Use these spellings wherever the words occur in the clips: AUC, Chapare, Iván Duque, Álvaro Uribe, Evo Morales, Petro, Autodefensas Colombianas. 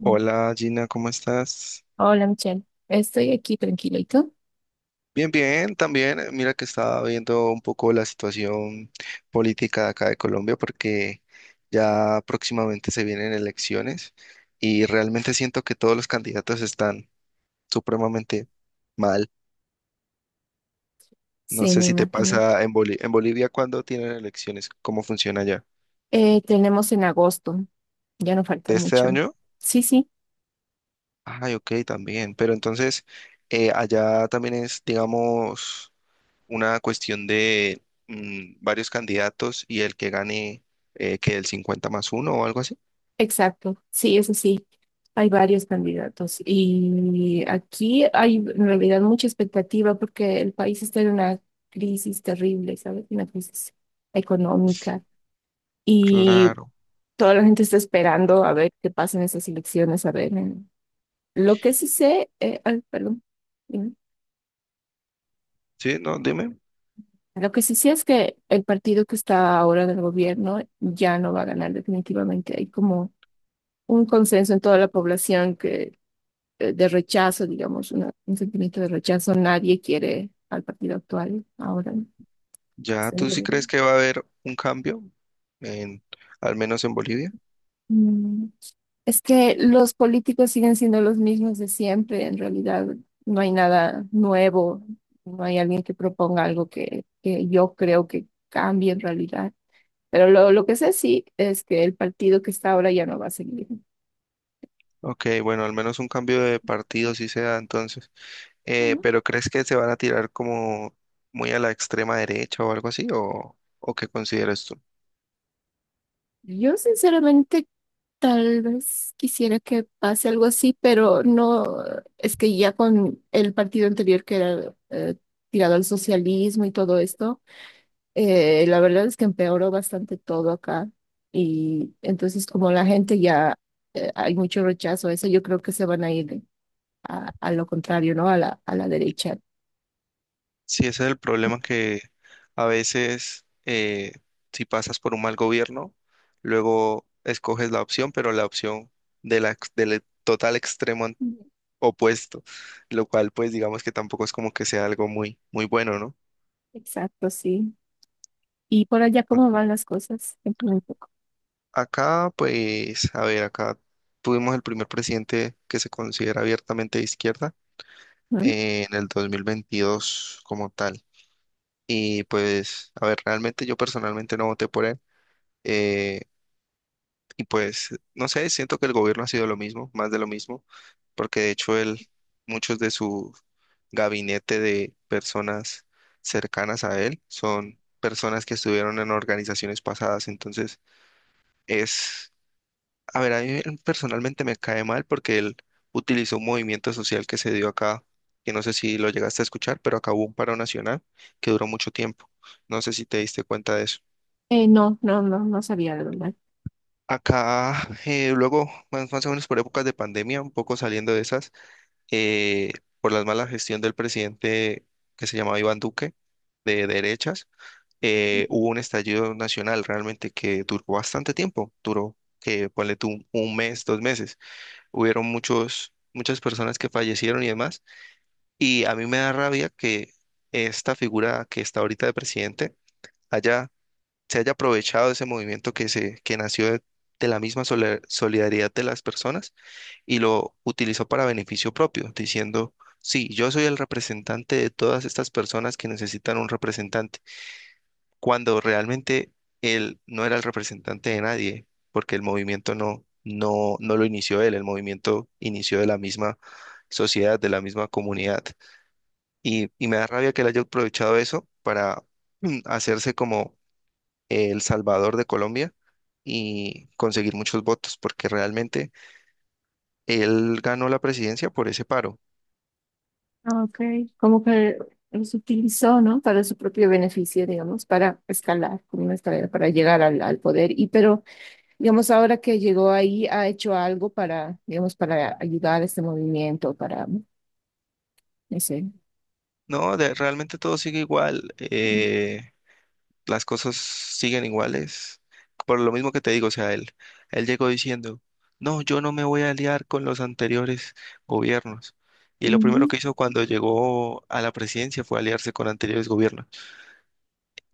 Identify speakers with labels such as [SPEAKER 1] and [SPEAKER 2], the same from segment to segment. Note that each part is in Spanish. [SPEAKER 1] Hola Gina, ¿cómo estás?
[SPEAKER 2] Hola, Michelle. Estoy aquí tranquila. ¿Y tú?
[SPEAKER 1] Bien, bien, también. Mira que estaba viendo un poco la situación política de acá de Colombia porque ya próximamente se vienen elecciones y realmente siento que todos los candidatos están supremamente mal. No
[SPEAKER 2] Sí,
[SPEAKER 1] sé
[SPEAKER 2] me
[SPEAKER 1] si te
[SPEAKER 2] imagino.
[SPEAKER 1] pasa en en Bolivia cuando tienen elecciones. ¿Cómo funciona allá?
[SPEAKER 2] Tenemos en agosto. Ya no falta
[SPEAKER 1] ¿De este
[SPEAKER 2] mucho.
[SPEAKER 1] año?
[SPEAKER 2] Sí, sí.
[SPEAKER 1] Ay, ok, también. Pero entonces, allá también es, digamos, una cuestión de varios candidatos y el que gane que el 50 más uno o algo así.
[SPEAKER 2] Exacto, sí, eso sí. Hay varios candidatos y aquí hay en realidad mucha expectativa porque el país está en una crisis terrible, ¿sabes? Una crisis económica y
[SPEAKER 1] Claro.
[SPEAKER 2] toda la gente está esperando a ver qué pasa en esas elecciones, a ver. Lo que sí sé, ay, perdón, dime.
[SPEAKER 1] Sí, no, dime.
[SPEAKER 2] Lo que sí sé es que el partido que está ahora en el gobierno ya no va a ganar definitivamente. Hay como un consenso en toda la población de rechazo, digamos, un sentimiento de rechazo. Nadie quiere al partido actual ahora, ¿no? Es
[SPEAKER 1] ¿Ya
[SPEAKER 2] el
[SPEAKER 1] tú sí crees
[SPEAKER 2] gobierno.
[SPEAKER 1] que va a haber un cambio en, al menos en Bolivia?
[SPEAKER 2] Mm, Es que los políticos siguen siendo los mismos de siempre, en realidad no hay nada nuevo, no hay alguien que proponga algo que yo creo que cambie en realidad. Pero lo que sé sí es que el partido que está ahora ya no va a seguir.
[SPEAKER 1] Ok, bueno, al menos un cambio de partido sí se da entonces. Pero ¿crees que se van a tirar como muy a la extrema derecha o algo así? ¿O qué consideras tú?
[SPEAKER 2] Yo sinceramente tal vez quisiera que pase algo así, pero no, es que ya con el partido anterior que era tirado al socialismo y todo esto, la verdad es que empeoró bastante todo acá. Y entonces como la gente ya hay mucho rechazo a eso, yo creo que se van a ir a lo contrario, ¿no? A a la derecha.
[SPEAKER 1] Sí, ese es el problema que a veces, si pasas por un mal gobierno, luego escoges la opción, pero la opción del total extremo
[SPEAKER 2] Mm,
[SPEAKER 1] opuesto, lo cual pues digamos que tampoco es como que sea algo muy, muy bueno, ¿no?
[SPEAKER 2] Exacto, sí. ¿Y por allá
[SPEAKER 1] A-
[SPEAKER 2] cómo van las cosas? Cuéntame un poco,
[SPEAKER 1] Acá pues, a ver, acá tuvimos el primer presidente que se considera abiertamente de izquierda,
[SPEAKER 2] ¿no?
[SPEAKER 1] en el 2022 como tal. Y pues, a ver, realmente yo personalmente no voté por él. eh, Y pues, no sé, siento que el gobierno ha sido lo mismo, más de lo mismo, porque de hecho, muchos de su gabinete de personas cercanas a él son personas que estuvieron en organizaciones pasadas. Entonces, es, a ver, a mí personalmente me cae mal porque él utilizó un movimiento social que se dio acá, que no sé si lo llegaste a escuchar, pero acabó un paro nacional que duró mucho tiempo. No sé si te diste cuenta de eso.
[SPEAKER 2] No, no, no, no sabía de verdad.
[SPEAKER 1] Acá, luego, más o menos por épocas de pandemia, un poco saliendo de esas, eh, por la mala gestión del presidente, que se llamaba Iván Duque, de derechas, hubo un estallido nacional realmente que duró bastante tiempo, duró, que ponle tú un mes, 2 meses. Hubieron muchas personas que fallecieron y demás, y a mí me da rabia que esta figura que está ahorita de presidente haya se haya aprovechado de ese movimiento que nació de la misma solidaridad de las personas, y lo utilizó para beneficio propio, diciendo: sí, yo soy el representante de todas estas personas que necesitan un representante, cuando realmente él no era el representante de nadie, porque el movimiento no lo inició él, el movimiento inició de la misma sociedad, de la misma comunidad. Y me da rabia que él haya aprovechado eso para hacerse como El Salvador de Colombia y conseguir muchos votos, porque realmente él ganó la presidencia por ese paro.
[SPEAKER 2] Ah, ok, como que los utilizó, ¿no? Para su propio beneficio, digamos, para escalar, como una escalera, para llegar al, al poder. Y pero, digamos, ahora que llegó ahí, ha hecho algo para, digamos, para ayudar a este movimiento, para, no sé.
[SPEAKER 1] No, realmente todo sigue igual, las cosas siguen iguales, por lo mismo que te digo, o sea, él llegó diciendo: no, yo no me voy a aliar con los anteriores gobiernos. Y lo primero
[SPEAKER 2] Ujú.
[SPEAKER 1] que hizo cuando llegó a la presidencia fue aliarse con anteriores gobiernos.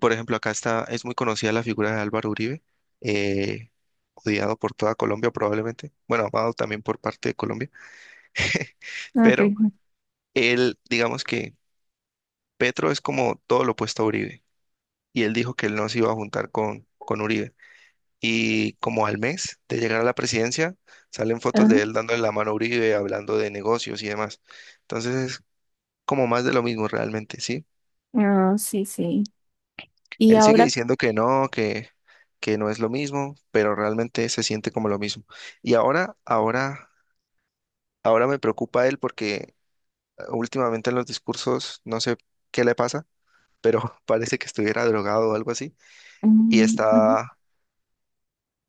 [SPEAKER 1] Por ejemplo, acá es muy conocida la figura de Álvaro Uribe, eh, odiado por toda Colombia probablemente, bueno, amado también por parte de Colombia,
[SPEAKER 2] Ok.
[SPEAKER 1] pero digamos que Petro es como todo lo opuesto a Uribe, y él dijo que él no se iba a juntar con Uribe. Y como al mes de llegar a la presidencia, salen fotos de
[SPEAKER 2] Ajá.
[SPEAKER 1] él dándole la mano a Uribe, hablando de negocios y demás. Entonces es como más de lo mismo realmente, ¿sí?
[SPEAKER 2] Ah, sí, sí. Y
[SPEAKER 1] Él sigue
[SPEAKER 2] ahora,
[SPEAKER 1] diciendo que no, que no es lo mismo, pero realmente se siente como lo mismo. Y ahora me preocupa él porque últimamente en los discursos, no sé qué le pasa, pero parece que estuviera drogado o algo así, y
[SPEAKER 2] mm, ujú.
[SPEAKER 1] está,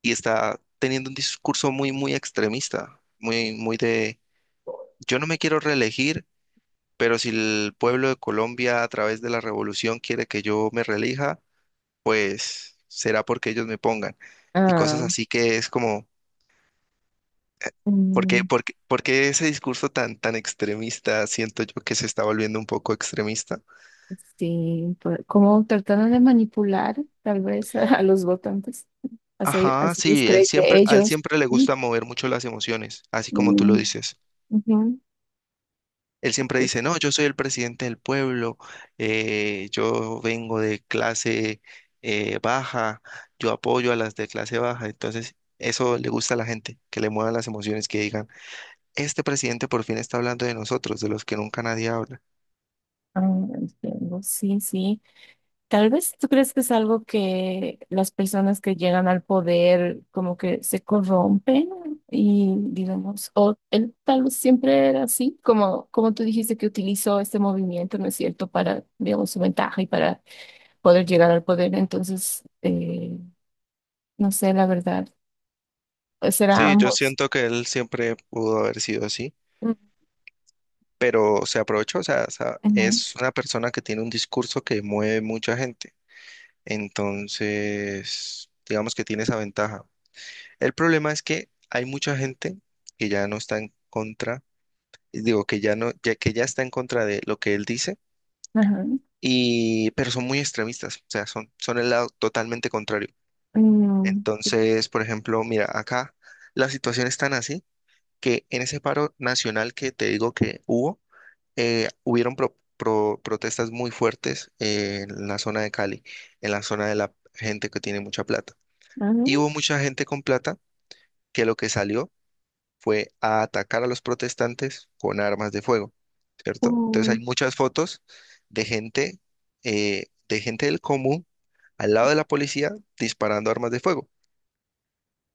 [SPEAKER 1] y está teniendo un discurso muy, muy extremista, muy, muy de: yo no me quiero reelegir, pero si el pueblo de Colombia a través de la revolución quiere que yo me reelija, pues será porque ellos me pongan, y cosas
[SPEAKER 2] Ah,
[SPEAKER 1] así que es como. ¿Por qué,
[SPEAKER 2] mm,
[SPEAKER 1] por qué- por qué ese discurso tan, tan extremista? Siento yo que se está volviendo un poco extremista.
[SPEAKER 2] sí, como trataron de manipular, tal vez, a los votantes,
[SPEAKER 1] Ajá,
[SPEAKER 2] hacerles
[SPEAKER 1] sí,
[SPEAKER 2] creer que
[SPEAKER 1] a él
[SPEAKER 2] ellos.
[SPEAKER 1] siempre le
[SPEAKER 2] ¿No?
[SPEAKER 1] gusta mover mucho las emociones, así como tú lo
[SPEAKER 2] Mm,
[SPEAKER 1] dices.
[SPEAKER 2] ujú.
[SPEAKER 1] Él siempre
[SPEAKER 2] Pues,
[SPEAKER 1] dice: no, yo soy el presidente del pueblo, yo vengo de clase baja, yo apoyo a las de clase baja. Entonces, eso le gusta a la gente, que le muevan las emociones, que digan: este presidente por fin está hablando de nosotros, de los que nunca nadie habla.
[SPEAKER 2] ah, entiendo. Sí, sí. Tal vez tú crees que es algo que las personas que llegan al poder como que se corrompen y digamos, o él tal vez siempre era así, como, como tú dijiste que utilizó este movimiento, ¿no es cierto?, para, digamos, su ventaja y para poder llegar al poder. Entonces, no sé, la verdad, será
[SPEAKER 1] Sí, yo
[SPEAKER 2] ambos.
[SPEAKER 1] siento que él siempre pudo haber sido así,
[SPEAKER 2] Mm,
[SPEAKER 1] pero se aprovechó, o sea,
[SPEAKER 2] ujú.
[SPEAKER 1] es una persona que tiene un discurso que mueve mucha gente. Entonces, digamos que tiene esa ventaja. El problema es que hay mucha gente que ya no está en contra, digo, que ya no, ya que ya está en contra de lo que él dice,
[SPEAKER 2] Ajá.
[SPEAKER 1] pero son muy extremistas, o sea, son el lado totalmente contrario.
[SPEAKER 2] Mm,
[SPEAKER 1] Entonces, por ejemplo, mira, acá la situación es tan así, que en ese paro nacional que te digo que hubo, hubieron protestas muy fuertes en la zona de Cali, en la zona de la gente que tiene mucha plata. Y
[SPEAKER 2] ujú.
[SPEAKER 1] hubo mucha gente con plata que lo que salió fue a atacar a los protestantes con armas de fuego, ¿cierto? Entonces hay muchas fotos de gente, de gente del común al lado de la policía disparando armas de fuego.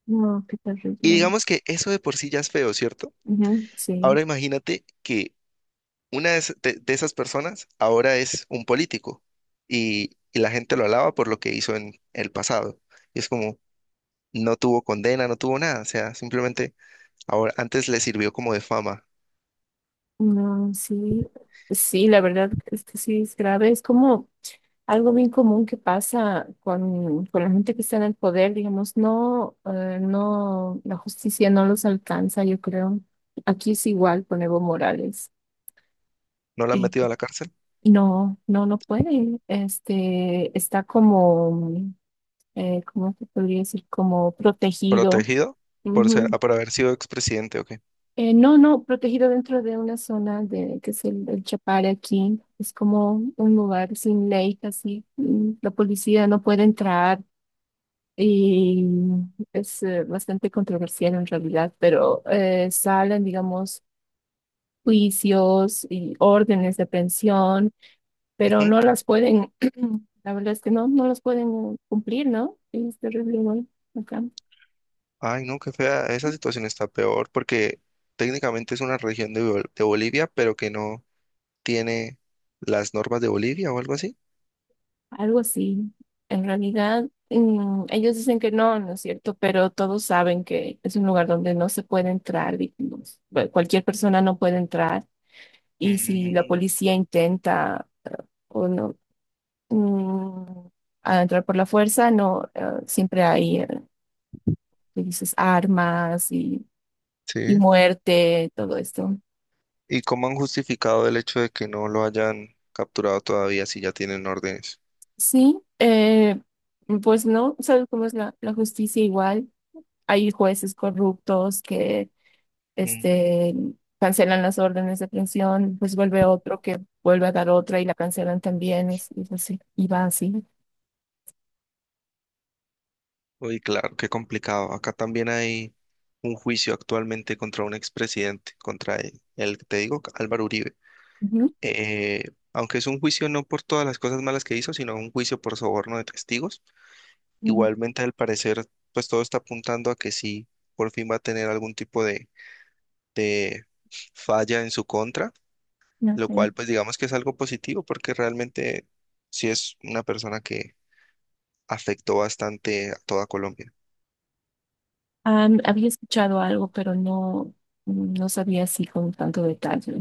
[SPEAKER 2] No, qué
[SPEAKER 1] Y
[SPEAKER 2] terrible.
[SPEAKER 1] digamos que eso de por sí ya es feo, ¿cierto?
[SPEAKER 2] Ujú, sí,
[SPEAKER 1] Ahora imagínate que una de esas personas ahora es un político, y la gente lo alaba por lo que hizo en el pasado. Y es como, no tuvo condena, no tuvo nada, o sea, simplemente. Ahora, antes le sirvió como de fama.
[SPEAKER 2] no, sí, sí, la verdad es que sí es grave. Es como algo bien común que pasa con la gente que está en el poder, digamos, no, no, la justicia no los alcanza, yo creo. Aquí es igual con Evo Morales.
[SPEAKER 1] ¿No la han
[SPEAKER 2] Y
[SPEAKER 1] metido a la cárcel?
[SPEAKER 2] no, no, no puede. Este, está como, ¿cómo te podría decir? Como protegido.
[SPEAKER 1] ¿Protegido? ¿Por haber sido expresidente, o qué?
[SPEAKER 2] No, no, protegido dentro de una zona de, que es el Chapare aquí. Es como un lugar sin ley, casi. La policía no puede entrar y es bastante controversial en realidad, pero salen, digamos, juicios y órdenes de pensión, pero
[SPEAKER 1] Ujú.
[SPEAKER 2] no las pueden, la verdad es que no, no las pueden cumplir, ¿no? Sí, es terrible, igual acá.
[SPEAKER 1] Ay, no, qué fea. Esa situación está peor porque técnicamente es una región de Bolivia, pero que no tiene las normas de Bolivia o algo así.
[SPEAKER 2] Algo así. En realidad, ellos dicen que no, no es cierto, pero todos saben que es un lugar donde no se puede entrar, digamos. Cualquier persona no puede entrar. Y si la
[SPEAKER 1] Mm,
[SPEAKER 2] policía intenta o no mm, a entrar por la fuerza, no, siempre hay, que dices, armas y
[SPEAKER 1] sí.
[SPEAKER 2] muerte, todo esto.
[SPEAKER 1] ¿Y cómo han justificado el hecho de que no lo hayan capturado todavía si ya tienen órdenes?
[SPEAKER 2] Sí, pues no, ¿sabes cómo es la justicia igual? Hay jueces corruptos que este, cancelan las órdenes de aprehensión, pues vuelve otro que vuelve a dar otra y la cancelan también, y así, y va así.
[SPEAKER 1] Uy, claro, qué complicado. Acá también hay un juicio actualmente contra un expresidente, contra el que te digo, Álvaro Uribe.
[SPEAKER 2] Ujú,
[SPEAKER 1] Eh, Aunque es un juicio no por todas las cosas malas que hizo, sino un juicio por soborno de testigos,
[SPEAKER 2] ujú,
[SPEAKER 1] igualmente, al parecer, pues todo está apuntando a que sí, por fin va a tener algún tipo de falla en su contra, lo
[SPEAKER 2] ok.
[SPEAKER 1] cual pues digamos que es algo positivo porque realmente sí es una persona que afectó bastante a toda Colombia.
[SPEAKER 2] Am, había escuchado algo, pero no, no sabía así con tanto detalle,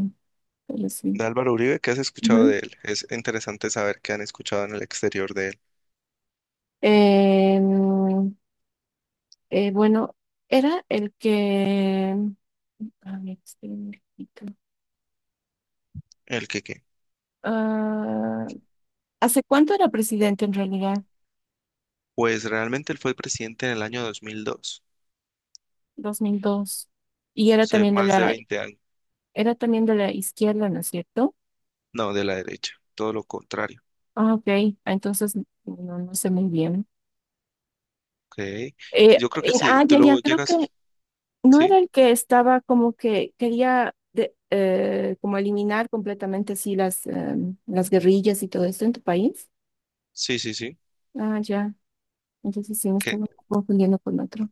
[SPEAKER 2] pero sí.
[SPEAKER 1] De Álvaro Uribe, ¿qué has escuchado
[SPEAKER 2] Ujú.
[SPEAKER 1] de él? Es interesante saber qué han escuchado en el exterior de él.
[SPEAKER 2] Em, bueno, era el que... A ver, espera un momentito.
[SPEAKER 1] El que qué.
[SPEAKER 2] Ah, ¿hace cuánto era presidente en realidad?
[SPEAKER 1] Pues realmente él fue presidente en el año 2002,
[SPEAKER 2] 2002. Y era
[SPEAKER 1] hace
[SPEAKER 2] también de
[SPEAKER 1] más de
[SPEAKER 2] la.
[SPEAKER 1] 20 años.
[SPEAKER 2] Era también de la izquierda, ¿no es cierto?
[SPEAKER 1] No, de la derecha, todo lo contrario.
[SPEAKER 2] Ah, ok, ah, entonces no, no sé muy bien.
[SPEAKER 1] Ok. Yo creo que sí, tú
[SPEAKER 2] Ya, ya,
[SPEAKER 1] luego
[SPEAKER 2] creo que
[SPEAKER 1] llegas,
[SPEAKER 2] no era
[SPEAKER 1] ¿sí?
[SPEAKER 2] el que estaba como que quería como eliminar completamente así em, las guerrillas y todo esto en tu país.
[SPEAKER 1] Sí, sí, sí.
[SPEAKER 2] Ah, ya, entonces sí me
[SPEAKER 1] Que
[SPEAKER 2] estaba confundiendo con otro.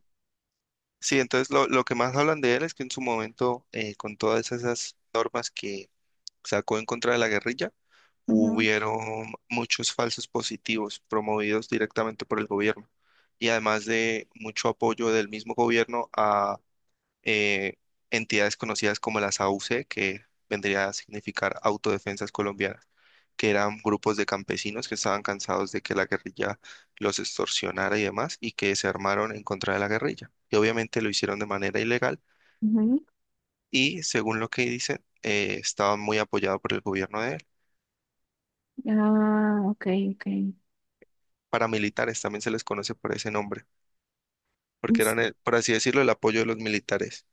[SPEAKER 1] Sí, entonces lo que más hablan de él es que en su momento, con todas esas normas que sacó en contra de la guerrilla,
[SPEAKER 2] Ujú,
[SPEAKER 1] hubieron muchos falsos positivos promovidos directamente por el gobierno, y además de mucho apoyo del mismo gobierno a eh, entidades conocidas como las AUC, que vendría a significar Autodefensas Colombianas, que eran grupos de campesinos que estaban cansados de que la guerrilla los extorsionara y demás y que se armaron en contra de la guerrilla. Y obviamente lo hicieron de manera ilegal,
[SPEAKER 2] ujú.
[SPEAKER 1] y según lo que dicen, estaban muy apoyados por el gobierno de él.
[SPEAKER 2] Ah, ok, ok.
[SPEAKER 1] Paramilitares, también se les conoce por ese nombre,
[SPEAKER 2] Mm,
[SPEAKER 1] porque eran,
[SPEAKER 2] sí,
[SPEAKER 1] por así decirlo, el apoyo de los militares.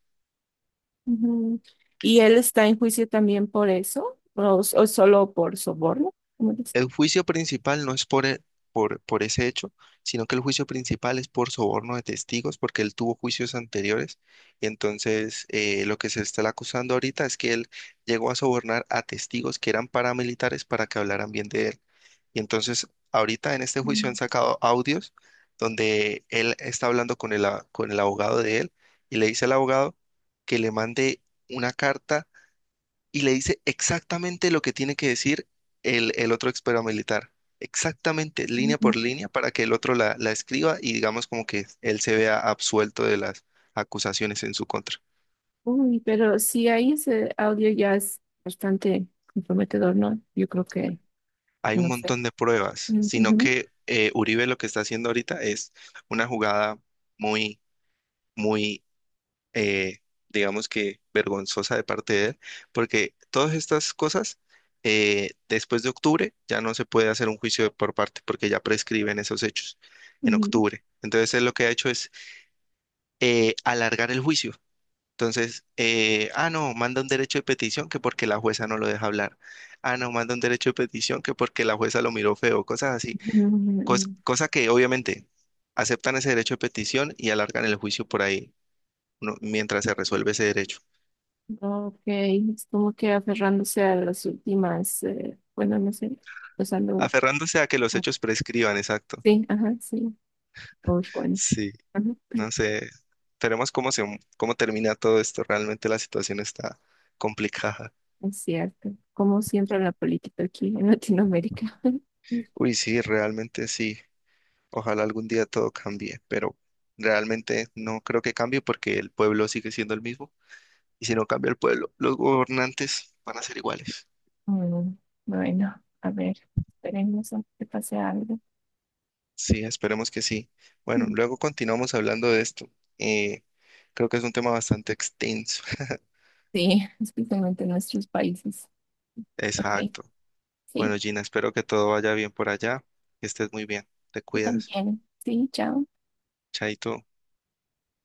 [SPEAKER 2] ujú. ¿Y él está en juicio también por eso? O solo por soborno? ¿Cómo dice?
[SPEAKER 1] El juicio principal no es por ese hecho, sino que el juicio principal es por soborno de testigos, porque él tuvo juicios anteriores, y entonces, lo que se está acusando ahorita es que él llegó a sobornar a testigos que eran paramilitares para que hablaran bien de él. Y entonces, ahorita en este juicio han
[SPEAKER 2] Mm,
[SPEAKER 1] sacado audios donde él está hablando con el abogado de él, y le dice al abogado que le mande una carta y le dice exactamente lo que tiene que decir el otro ex paramilitar. Exactamente, línea por línea, para que el otro la escriba y digamos como que él se vea absuelto de las acusaciones en su contra.
[SPEAKER 2] uy, pero si hay ese audio ya es bastante comprometedor, ¿no? Yo creo
[SPEAKER 1] Hay un
[SPEAKER 2] no sé.
[SPEAKER 1] montón de pruebas, sino
[SPEAKER 2] Ujú,
[SPEAKER 1] que Uribe lo que está haciendo ahorita es una jugada muy, muy, eh, digamos que vergonzosa de parte de él, porque todas estas cosas, después de octubre, ya no se puede hacer un juicio por parte, porque ya prescriben esos hechos en
[SPEAKER 2] ujú,
[SPEAKER 1] octubre. Entonces, él lo que ha hecho es, alargar el juicio. Entonces, ah, no, manda un derecho de petición que porque la jueza no lo deja hablar. Ah, no, manda un derecho de petición que porque la jueza lo miró feo, cosas así.
[SPEAKER 2] ujú.
[SPEAKER 1] Cosa que obviamente aceptan ese derecho de petición y alargan el juicio por ahí, ¿no?, mientras se resuelve ese derecho.
[SPEAKER 2] Ok, es como que aferrándose a las últimas, bueno, no sé, usando.
[SPEAKER 1] Aferrándose a que los hechos prescriban, exacto.
[SPEAKER 2] Sí, ajá, sí. Uy, bueno,
[SPEAKER 1] Sí,
[SPEAKER 2] ajá,
[SPEAKER 1] no sé. Veremos cómo termina todo esto. Realmente la situación está complicada.
[SPEAKER 2] es cierto. Como siempre la política aquí en Latinoamérica.
[SPEAKER 1] Uy, sí, realmente sí. Ojalá algún día todo cambie, pero realmente no creo que cambie porque el pueblo sigue siendo el mismo. Y si no cambia el pueblo, los gobernantes van a ser iguales.
[SPEAKER 2] Mm, bueno, a ver, esperemos a que pase algo.
[SPEAKER 1] Sí, esperemos que sí. Bueno,
[SPEAKER 2] Mm.
[SPEAKER 1] luego continuamos hablando de esto. Eh, Creo que es un tema bastante extenso.
[SPEAKER 2] Sí, especialmente en nuestros países. Ok.
[SPEAKER 1] Exacto.
[SPEAKER 2] Sí,
[SPEAKER 1] Bueno, Gina, espero que todo vaya bien por allá, que estés muy bien, te
[SPEAKER 2] tú
[SPEAKER 1] cuidas,
[SPEAKER 2] también. Sí, chao.
[SPEAKER 1] chaito.